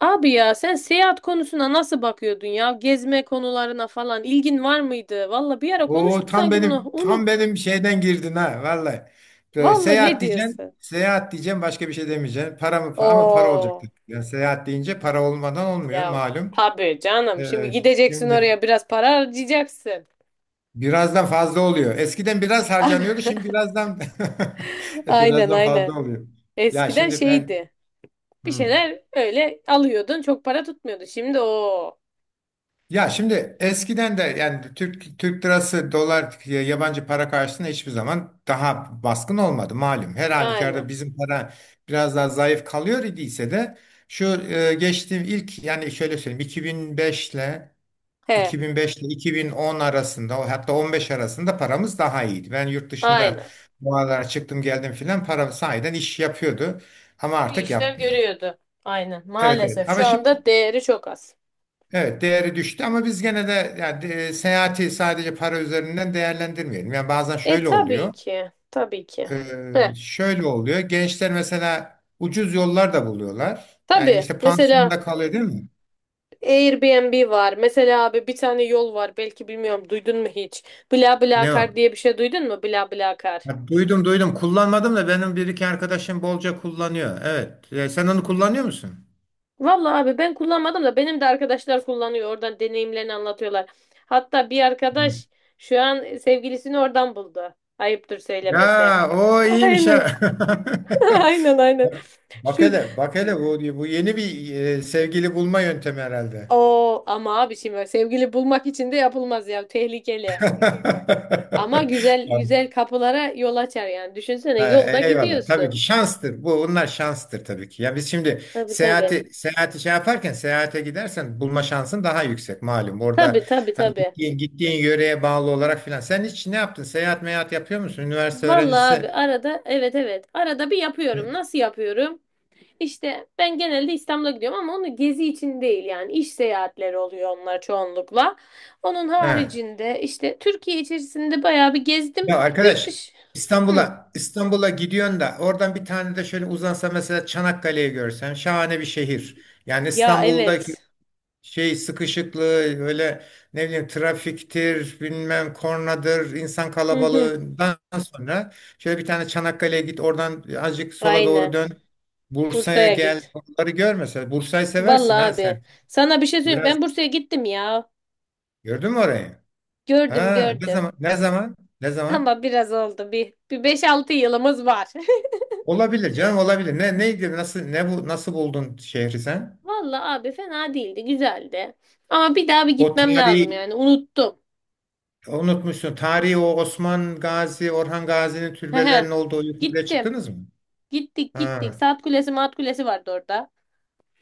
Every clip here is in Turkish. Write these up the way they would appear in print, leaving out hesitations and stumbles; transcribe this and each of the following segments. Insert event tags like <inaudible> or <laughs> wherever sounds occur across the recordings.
Abi ya sen seyahat konusuna nasıl bakıyordun ya? Gezme konularına falan ilgin var mıydı? Valla bir ara Oo konuştuk tam sanki bunu. benim tam Unut. benim şeyden girdin ha vallahi. Böyle Valla ne seyahat diyeceksin, diyorsun? seyahat diyeceğim, başka bir şey demeyeceksin. Ama para olacak. Oo Yani seyahat deyince para olmadan olmuyor ya malum. tabii canım. Şimdi Ee, gideceksin Şimdi oraya biraz para harcayacaksın. birazdan fazla oluyor. Eskiden biraz harcanıyordu, şimdi <laughs> <laughs> Aynen birazdan aynen. fazla oluyor. Ya Eskiden şimdi ben şeydi. Bir hmm. şeyler öyle alıyordun çok para tutmuyordu. Şimdi o. Ya şimdi eskiden de, yani Türk lirası dolar yabancı para karşısında hiçbir zaman daha baskın olmadı malum. Her halükarda Aynen. bizim para biraz daha zayıf kalıyor idiyse de şu geçtiğim ilk, yani şöyle söyleyeyim, He. 2005 ile 2010 arasında, o hatta 15 arasında paramız daha iyiydi. Ben yurt dışında Aynen. bu aralar çıktım geldim filan, para sahiden iş yapıyordu ama Bir artık işler yapmıyor. görüyordu. Aynen. Evet evet, Maalesef ama şu şimdi anda değeri çok az. evet, değeri düştü ama biz gene de, yani, seyahati sadece para üzerinden değerlendirmeyelim. Yani bazen E şöyle tabii oluyor. ki. Tabii ki. Heh, Şöyle oluyor. Gençler mesela ucuz yollar da buluyorlar. Yani tabii. işte Mesela pansiyonda kalıyor, değil mi? Airbnb var. Mesela abi bir tane yol var. Belki bilmiyorum duydun mu hiç? Ne BlaBlaCar o? diye bir şey duydun mu? BlaBlaCar. Ya duydum duydum. Kullanmadım da benim bir iki arkadaşım bolca kullanıyor. Evet. Sen onu kullanıyor musun? Vallahi abi ben kullanmadım da benim de arkadaşlar kullanıyor. Oradan deneyimlerini anlatıyorlar. Hatta bir Hı. arkadaş şu an sevgilisini oradan buldu. Ayıptır söylemesi. Ya o iyiymiş Aynen. ha. <laughs> <laughs> Aynen, aynen. Bak Şu hele, bak hele, bu, bu yeni bir sevgili bulma yöntemi herhalde. o ama abi şimdi sevgili bulmak için de yapılmaz ya. Tehlikeli. Ama <laughs> güzel Yani, güzel kapılara yol açar yani. Düşünsene ha, yolda eyvallah. Tabii ki gidiyorsun. şanstır. Bu bunlar şanstır tabii ki. Ya biz şimdi Tabii, tabii. seyahati şey yaparken, seyahate gidersen bulma şansın daha yüksek malum. Orada Tabii tabii hani tabii. gittiğin yöreye bağlı olarak filan. Sen hiç ne yaptın? Seyahat meyahat yapıyor musun? Üniversite Vallahi öğrencisi. abi arada evet, evet. Arada bir e, yapıyorum. Nasıl yapıyorum? İşte ben genelde İstanbul'a gidiyorum ama onu gezi için değil yani iş seyahatleri oluyor onlar çoğunlukla. Onun Ha. haricinde işte Türkiye içerisinde bayağı bir gezdim. Ya Yurt arkadaş, dışı. Hı. İstanbul'a gidiyorsun da oradan bir tane de şöyle uzansa, mesela Çanakkale'yi görsen, şahane bir şehir. Yani Ya İstanbul'daki evet. şey sıkışıklığı, öyle ne bileyim trafiktir, bilmem kornadır, insan Hı hı. kalabalığından sonra şöyle bir tane Çanakkale'ye git, oradan azıcık sola doğru Aynen. dön, Bursa'ya Bursa'ya gel, git. oraları gör. Mesela Bursa'yı seversin Vallahi ha abi. sen. Sana bir şey söyleyeyim. Biraz Ben Bursa'ya gittim ya. gördün mü orayı, Gördüm ha? ne gördüm. zaman ne zaman ne <laughs> zaman Ama biraz oldu. Bir beş altı yılımız var. <laughs> Olabilir canım, olabilir. Ne neydi, nasıl? Ne bu, nasıl buldun şehri sen? Vallahi abi fena değildi. Güzeldi. Ama bir daha bir O gitmem lazım tarihi, yani. Unuttum. unutmuşsun tarihi. O Osman Gazi, Orhan Gazi'nin Hehe. türbelerinin olduğu yukarıya Gittim. çıktınız mı? Gittik Ha. gittik. Saat kulesi maat kulesi vardı orada.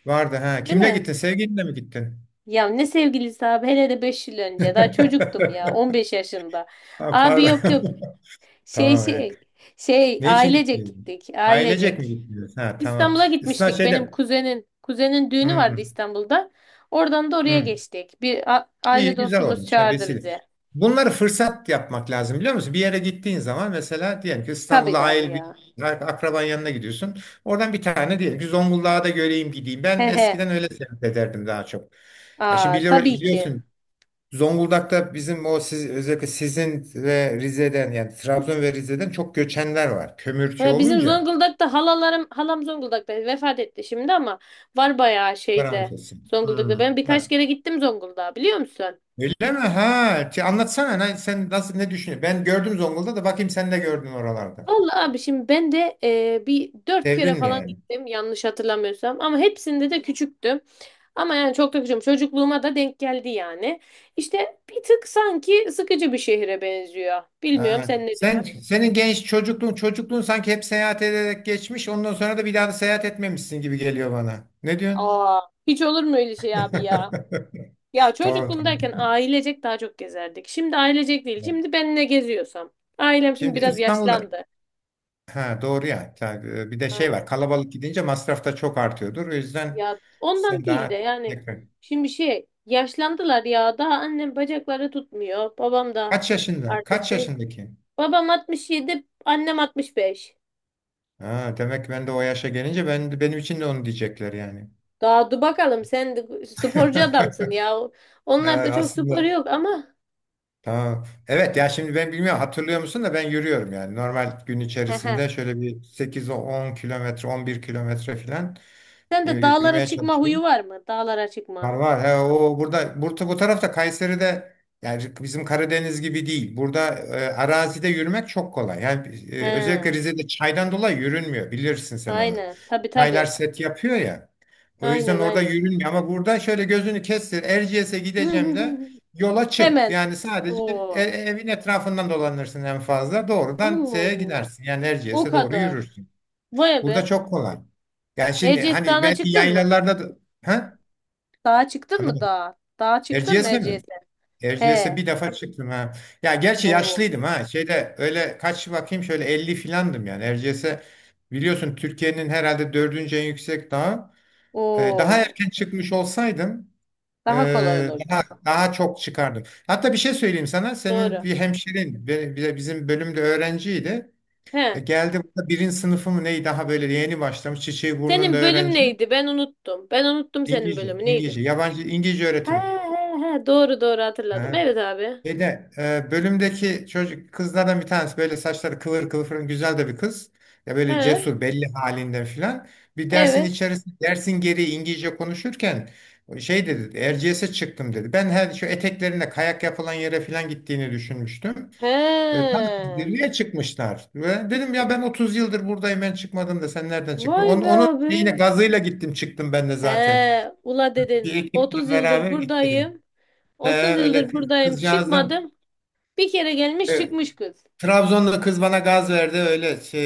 Vardı ha. Değil Kimle mi? gittin? Sevgilinle mi gittin? Ya ne sevgilisi abi. Hele de 5 yıl önce. Daha çocuktum ya. on <laughs> beş yaşında. Ha, Abi pardon. yok, yok. <laughs> Şey Tamam. iyi. şey. Şey Ne için ailecek gittin? gittik. Ailecek mi Ailecek. gittiniz? Ha, tamam. İstanbul'a İsna gitmiştik benim şeyde. kuzenin. Kuzenin düğünü vardı Hmm, İstanbul'da. Oradan da oraya hmm. geçtik. Bir İyi, aile güzel dostumuz olmuş. Ha, çağırdı vesile. bizi. Bunları fırsat yapmak lazım, biliyor musun? Bir yere gittiğin zaman, mesela diyelim ki Tabii İstanbul'a, tabii aile, bir ya. akraban yanına gidiyorsun. Oradan bir tane diyelim ki Zonguldak'a da göreyim, gideyim. Ben He he. eskiden öyle seyahat ederdim daha çok. Ya şimdi Aa, tabii ki. biliyorsun Zonguldak'ta bizim o siz, özellikle sizin ve Rize'den, yani Trabzon ve Rize'den çok göçenler var. Kömürcü Bizim olunca Zonguldak'ta halalarım, halam Zonguldak'ta vefat etti şimdi ama var bayağı paramız şeyde olsun. Hmm. Zonguldak'ta. Ben birkaç Ha. kere gittim Zonguldak'a biliyor musun? Öyle mi? Ha. Ki, anlatsana lan, sen nasıl, ne düşünüyorsun? Ben gördüm Zonguldak'ta, bakayım sen de gördün oralarda. Vallahi abi şimdi ben de bir dört kere Sevdin mi falan yani? gittim yanlış hatırlamıyorsam ama hepsinde de küçüktüm. Ama yani çok da küçüğüm. Çocukluğuma da denk geldi yani. İşte bir tık sanki sıkıcı bir şehre benziyor. Bilmiyorum Ha. sen ne Sen, düşünüyorsun? senin genç çocukluğun sanki hep seyahat ederek geçmiş. Ondan sonra da bir daha da seyahat etmemişsin gibi geliyor bana. Ne diyorsun? Aa, hiç olur mu öyle şey abi ya? <laughs> Ya Tamam tamam. çocukluğumdayken ailecek daha çok gezerdik. Şimdi ailecek değil. Şimdi ben ne geziyorsam. Ailem şimdi Şimdi biraz İstanbul'da. yaşlandı. Ha doğru ya. Tabii, bir de şey var. Aynen. Kalabalık gidince masraf da çok artıyordur. O yüzden Ya ondan sen değil de daha, yani tekrar. şimdi şey yaşlandılar ya daha annem bacakları tutmuyor. Babam da Kaç yaşında? artık Kaç şey. yaşındaki? Babam 67, annem 65. Ha, demek ki ben de o yaşa gelince, ben, benim için de onu diyecekler yani. Daha dur bakalım sen de sporcu adamsın <laughs> ya. Onlarda çok spor Aslında yok ama. tamam. Evet ya şimdi ben bilmiyorum, hatırlıyor musun da ben yürüyorum yani. Normal gün Hehe. içerisinde şöyle bir 8 10 kilometre, 11 kilometre falan Sen de dağlara yürümeye çıkma huyu çalışıyorum. var mı? Dağlara Var çıkma. var. He, o burada, bu tarafta Kayseri'de, yani bizim Karadeniz gibi değil. Burada arazide yürümek çok kolay. Yani He. Özellikle Rize'de çaydan dolayı yürünmüyor. Bilirsin sen onu. Aynen. Tabii Çaylar tabii. set yapıyor ya. O yüzden Aynen orada aynen. yürünmüyor, ama burada şöyle gözünü kestir. Erciyes'e gideceğim de <laughs> yola çık. Hemen. Yani sadece Oo. evin etrafından dolanırsın en fazla. Doğrudan Allah şeye Allah. gidersin. Yani O Erciyes'e doğru kadar. yürürsün. Vay Burada be. çok kolay. Yani şimdi Erciyes hani Dağı'na belki çıktın mı? yaylalarda da... Ha? Dağa çıktın mı dağa? Dağa çıktın mı Erciyes'e mi? Erciyes'e? Erciyes'e He. bir defa çıktım ha. Ya gerçi Oo. yaşlıydım ha. Şeyde öyle kaç bakayım, şöyle 50 filandım yani. Erciyes'e biliyorsun Türkiye'nin herhalde dördüncü en yüksek dağı. Daha Oo. erken çıkmış olsaydım, Daha kolay olurdu. daha çok çıkardım. Hatta bir şey söyleyeyim sana. Senin Doğru. bir hemşerin bir de bizim bölümde öğrenciydi. He. E, geldi burada, birinci sınıfı mı neyi, daha böyle yeni başlamış. Çiçeği burnunda Senin bölüm öğrenci. neydi? Ben unuttum. Ben unuttum senin İngilizce. bölümü neydi? İngilizce. Yabancı İngilizce He öğretimi. he he. Doğru, doğru hatırladım. Ha. Evet abi. Şeyde, bölümdeki çocuk kızlardan bir tanesi, böyle saçları kıvır kıvır, güzel de bir kız. Ya böyle He. cesur, belli halinden filan. Bir dersin Evet. içerisinde, dersin geri İngilizce konuşurken, şey dedi, Erciyes'e çıktım dedi. Ben her şu eteklerinde kayak yapılan yere filan gittiğini düşünmüştüm. He. Tam zirveye çıkmışlar. Ve dedim ya, ben 30 yıldır buradayım, ben çıkmadım da sen nereden çıktın? Vay be Onun abi. şeyine gazıyla gittim, çıktım ben de zaten. He. Ula Bir dedin. ekiple 30 yıldır beraber gittik. buradayım. E, 30 öyle yıldır buradayım. kızcağızdan. Çıkmadım. Bir kere gelmiş Evet. çıkmış kız. Trabzon'da kız bana gaz verdi, öyle şey,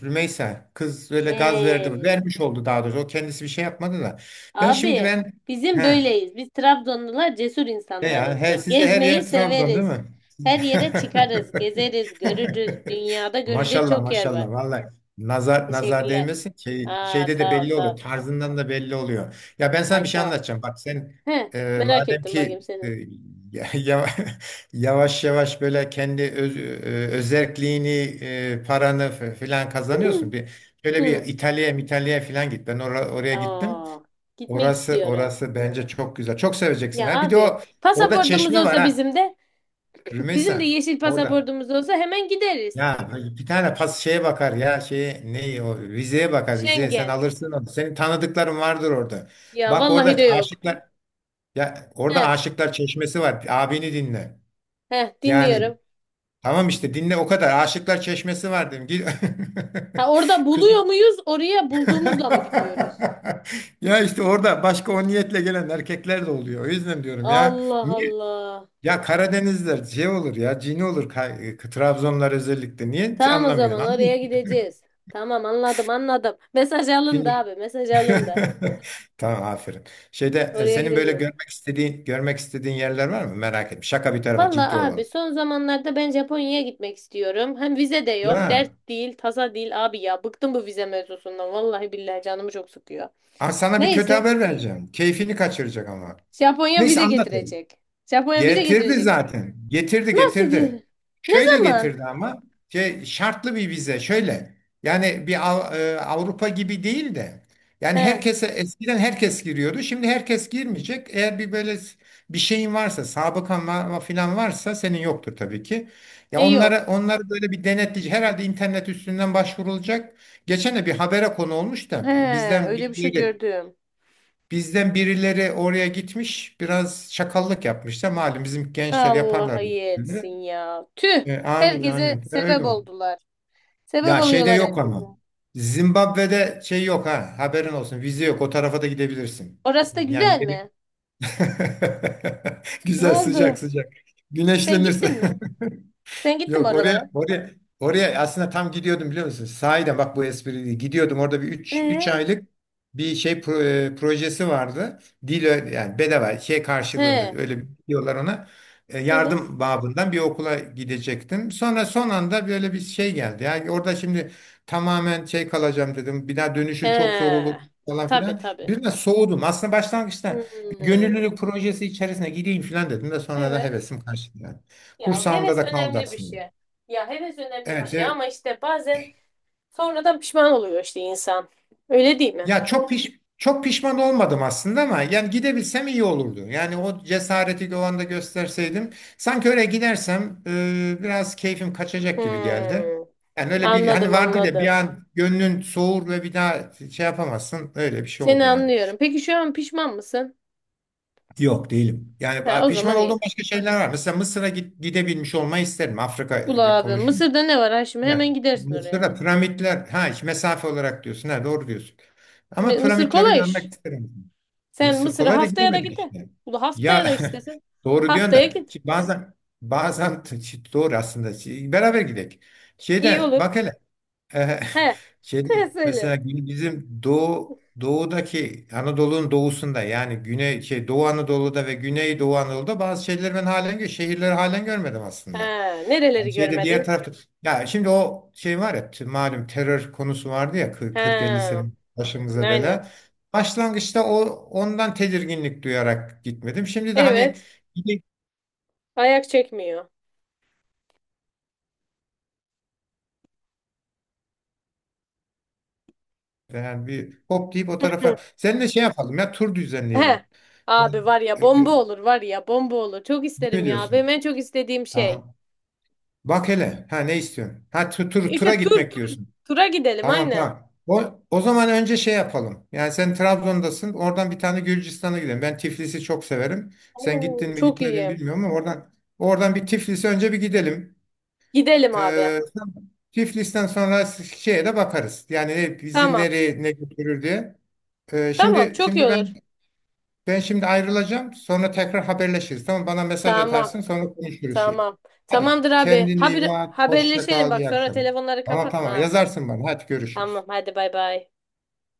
Rümeysa kız öyle gaz verdi, Ee. vermiş oldu daha doğrusu, o kendisi bir şey yapmadı da ben şimdi Abi ben bizim he böyleyiz. Biz Trabzonlular cesur ne ya, he insanlarızdır. sizde her Gezmeyi yer Trabzon değil severiz. mi? Her yere çıkarız, gezeriz, görürüz. Dünyada <laughs> görülecek Maşallah çok yer var. maşallah vallahi, nazar nazar Teşekkürler. değmesin, şey, Aa şeyde de sağ ol belli sağ oluyor, ol. tarzından da belli oluyor. Ya ben sana Ay bir şey sağ ol. anlatacağım. Bak sen, He, merak madem ettim ki, bakayım senin. ya- ya- <laughs> yavaş yavaş böyle kendi öz, özerkliğini, paranı filan kazanıyorsun. <clears throat> Bir, <laughs> şöyle bir Hı. İtalya'ya filan git. Ben oraya gittim. Aa, gitmek Orası istiyorum. orası bence çok güzel. Çok seveceksin Ya ha. Bir de abi o, orada pasaportumuz çeşme var olsa ha. bizim de <clears throat> bizim de Rümeysa yeşil orada. pasaportumuz olsa hemen gideriz. Ya bir tane şeye bakar ya, şeye, ne o, vizeye bakar, vizeye, sen Schengen. alırsın onu. Senin tanıdıkların vardır orada. Ya Bak vallahi orada de yok. aşıklar, ya, orada He, aşıklar çeşmesi var. Abini dinle. he Yani dinliyorum. tamam, işte dinle o kadar. Aşıklar çeşmesi var dedim. Git. Ha, orada <laughs> Kız. buluyor muyuz? Oraya bulduğumuzla mı gidiyoruz? <laughs> Ya işte orada başka o niyetle gelen erkekler de oluyor. O yüzden diyorum ya. Allah Niye? Allah. Ya Karadenizler şey olur ya, cini olur, Trabzonlar özellikle. Niye Tamam o anlamıyorsun? zaman oraya Anlıyorsun. gideceğiz. Tamam anladım, anladım. Mesaj alındı abi mesaj alındı. <laughs> Tamam, aferin. Şeyde, Oraya senin böyle gideceğiz. görmek istediğin yerler var mı? Merak etme. Şaka bir tarafa, ciddi Valla abi olalım. son zamanlarda ben Japonya'ya gitmek istiyorum. Hem vize de yok. Ya. Dert değil, tasa değil abi ya. Bıktım bu vize mevzusundan. Vallahi billahi canımı çok sıkıyor. Aa, sana bir kötü Neyse. haber vereceğim. Keyfini kaçıracak ama. Japonya Neyse, vize anlat. getirecek. Japonya vize Getirdi getirecek. zaten. Getirdi Nasıl gel? getirdi. Ne Şöyle zaman? getirdi ama şey, şartlı bir vize şöyle. Yani bir Avrupa gibi değil de, yani He. herkese, eskiden herkes giriyordu. Şimdi herkes girmeyecek. Eğer bir böyle bir şeyin varsa, sabıkan falan varsa, senin yoktur tabii ki. Ya E onlara, yok. onları böyle bir denetleyici, herhalde internet üstünden başvurulacak. Geçen de bir habere konu olmuş He, da, öyle bir şey gördüm. bizden birileri oraya gitmiş, biraz şakallık yapmışlar. Malum bizim gençler Allah yaparlar bu iyi etsin şeyleri. ya. Tüh. Amin Herkese amin. Sebep Öyle oldu. oldular. Sebep Ya şeyde oluyorlar yok herkese. ama. Zimbabwe'de şey yok ha. Haberin olsun. Vize yok. O tarafa da gidebilirsin. Orası da Yani güzel mi? <laughs> Ne güzel, sıcak oldu? sıcak. Sen Güneşlenirsin. gittin <laughs> mi? Sen gittin mi Yok, oraya oralara? oraya oraya aslında tam gidiyordum, biliyor musun? Sahiden bak, bu espri değil. Gidiyordum, orada bir 3 Ee? aylık bir şey projesi vardı. Yani bedava şey karşılığında He. öyle diyorlar ona. Evet. Yardım babından bir okula gidecektim. Sonra son anda böyle bir şey geldi. Yani orada şimdi tamamen şey kalacağım dedim. Bir daha dönüşü çok zor olur He. falan Tabii filan. tabii. Biraz soğudum. Aslında başlangıçta bir Hmm. gönüllülük projesi içerisine gideyim filan dedim de sonra da Evet. hevesim kaçtı yani. Ya Kursağımda heves da kaldı önemli bir aslında. şey. Ya heves önemli bir Evet, şey evet. ama işte bazen sonradan pişman oluyor işte insan. Öyle değil mi? Ya çok pişman olmadım aslında ama yani gidebilsem iyi olurdu. Yani o cesareti o anda gösterseydim, sanki öyle gidersem biraz keyfim kaçacak gibi geldi. Hmm. Yani öyle bir hani Anladım vardır ya, bir anladım. an gönlün soğur ve bir daha şey yapamazsın. Öyle bir şey Seni oldu yani. anlıyorum. Peki şu an pişman mısın? Yok, değilim. Yani Ha, o pişman zaman iyi. olduğum başka şeyler var. Mesela Mısır'a gidebilmiş olmayı isterim. Afrika, Ula abi konuşun. Mısır'da ne var ha Ya hemen gidersin oraya. Mısır'da piramitler ha, işte mesafe olarak diyorsun. Ha, doğru diyorsun. Ama Mısır piramitleri kolay iş. görmek isterim. Sen Mısır Mısır'a kolay da haftaya da gidemedik gide. işte. Ula haftaya da Ya, istesen. <laughs> doğru diyorsun Haftaya da, git. ki bazen doğru aslında. Beraber gidelim. İyi Şeyde olur. bak hele, e, He. <laughs> <laughs> şeyde He söyle. mesela, bizim doğudaki Anadolu'nun doğusunda, yani güney şey, Doğu Anadolu'da ve Güney Doğu Anadolu'da bazı şeyleri ben halen, şehirleri halen görmedim aslında. Ha, nereleri Yani şeyde diğer görmedin? tarafta, ya şimdi o şey var ya, malum terör konusu vardı ya, 40-50 sene Ha, başımıza aynen. bela. Başlangıçta o, ondan tedirginlik duyarak gitmedim. Şimdi de hani Evet. gide- Ayak çekmiyor. yani bir hop deyip o Hı. tarafa seninle şey yapalım, ya tur He. düzenleyelim. Yani, Abi var ya e, bomba olur var ya bomba olur. Çok ne isterim ya. Benim diyorsun? en çok istediğim şey. Ha, bak hele ha, ne istiyorsun? Ha, tur, tura İşte tur gitmek tur. diyorsun. Tura gidelim Tamam aynen. tamam. O zaman önce şey yapalım. Yani sen Trabzon'dasın. Oradan bir tane Gürcistan'a gidelim. Ben Tiflis'i çok severim. Sen Oo, gittin mi çok gitmedin mi iyi. bilmiyorum ama oradan bir Tiflis'e önce bir gidelim. Gidelim abi. Ee, Tiflis'ten sonra şeye de bakarız. Yani bizi Tamam. nereye ne götürür diye. Ee, Tamam şimdi çok iyi şimdi ben olur. ben şimdi ayrılacağım. Sonra tekrar haberleşiriz. Tamam, bana mesaj Tamam. atarsın, sonra konuşuruz şey. Tamam. Hadi Tamamdır abi. kendine iyi Haber, bak. Hoşça haberleşelim kal. bak İyi sonra akşamlar. telefonları Tamam kapatma. tamam, Ha. yazarsın bana. Hadi Tamam görüşürüz. hadi bay bay.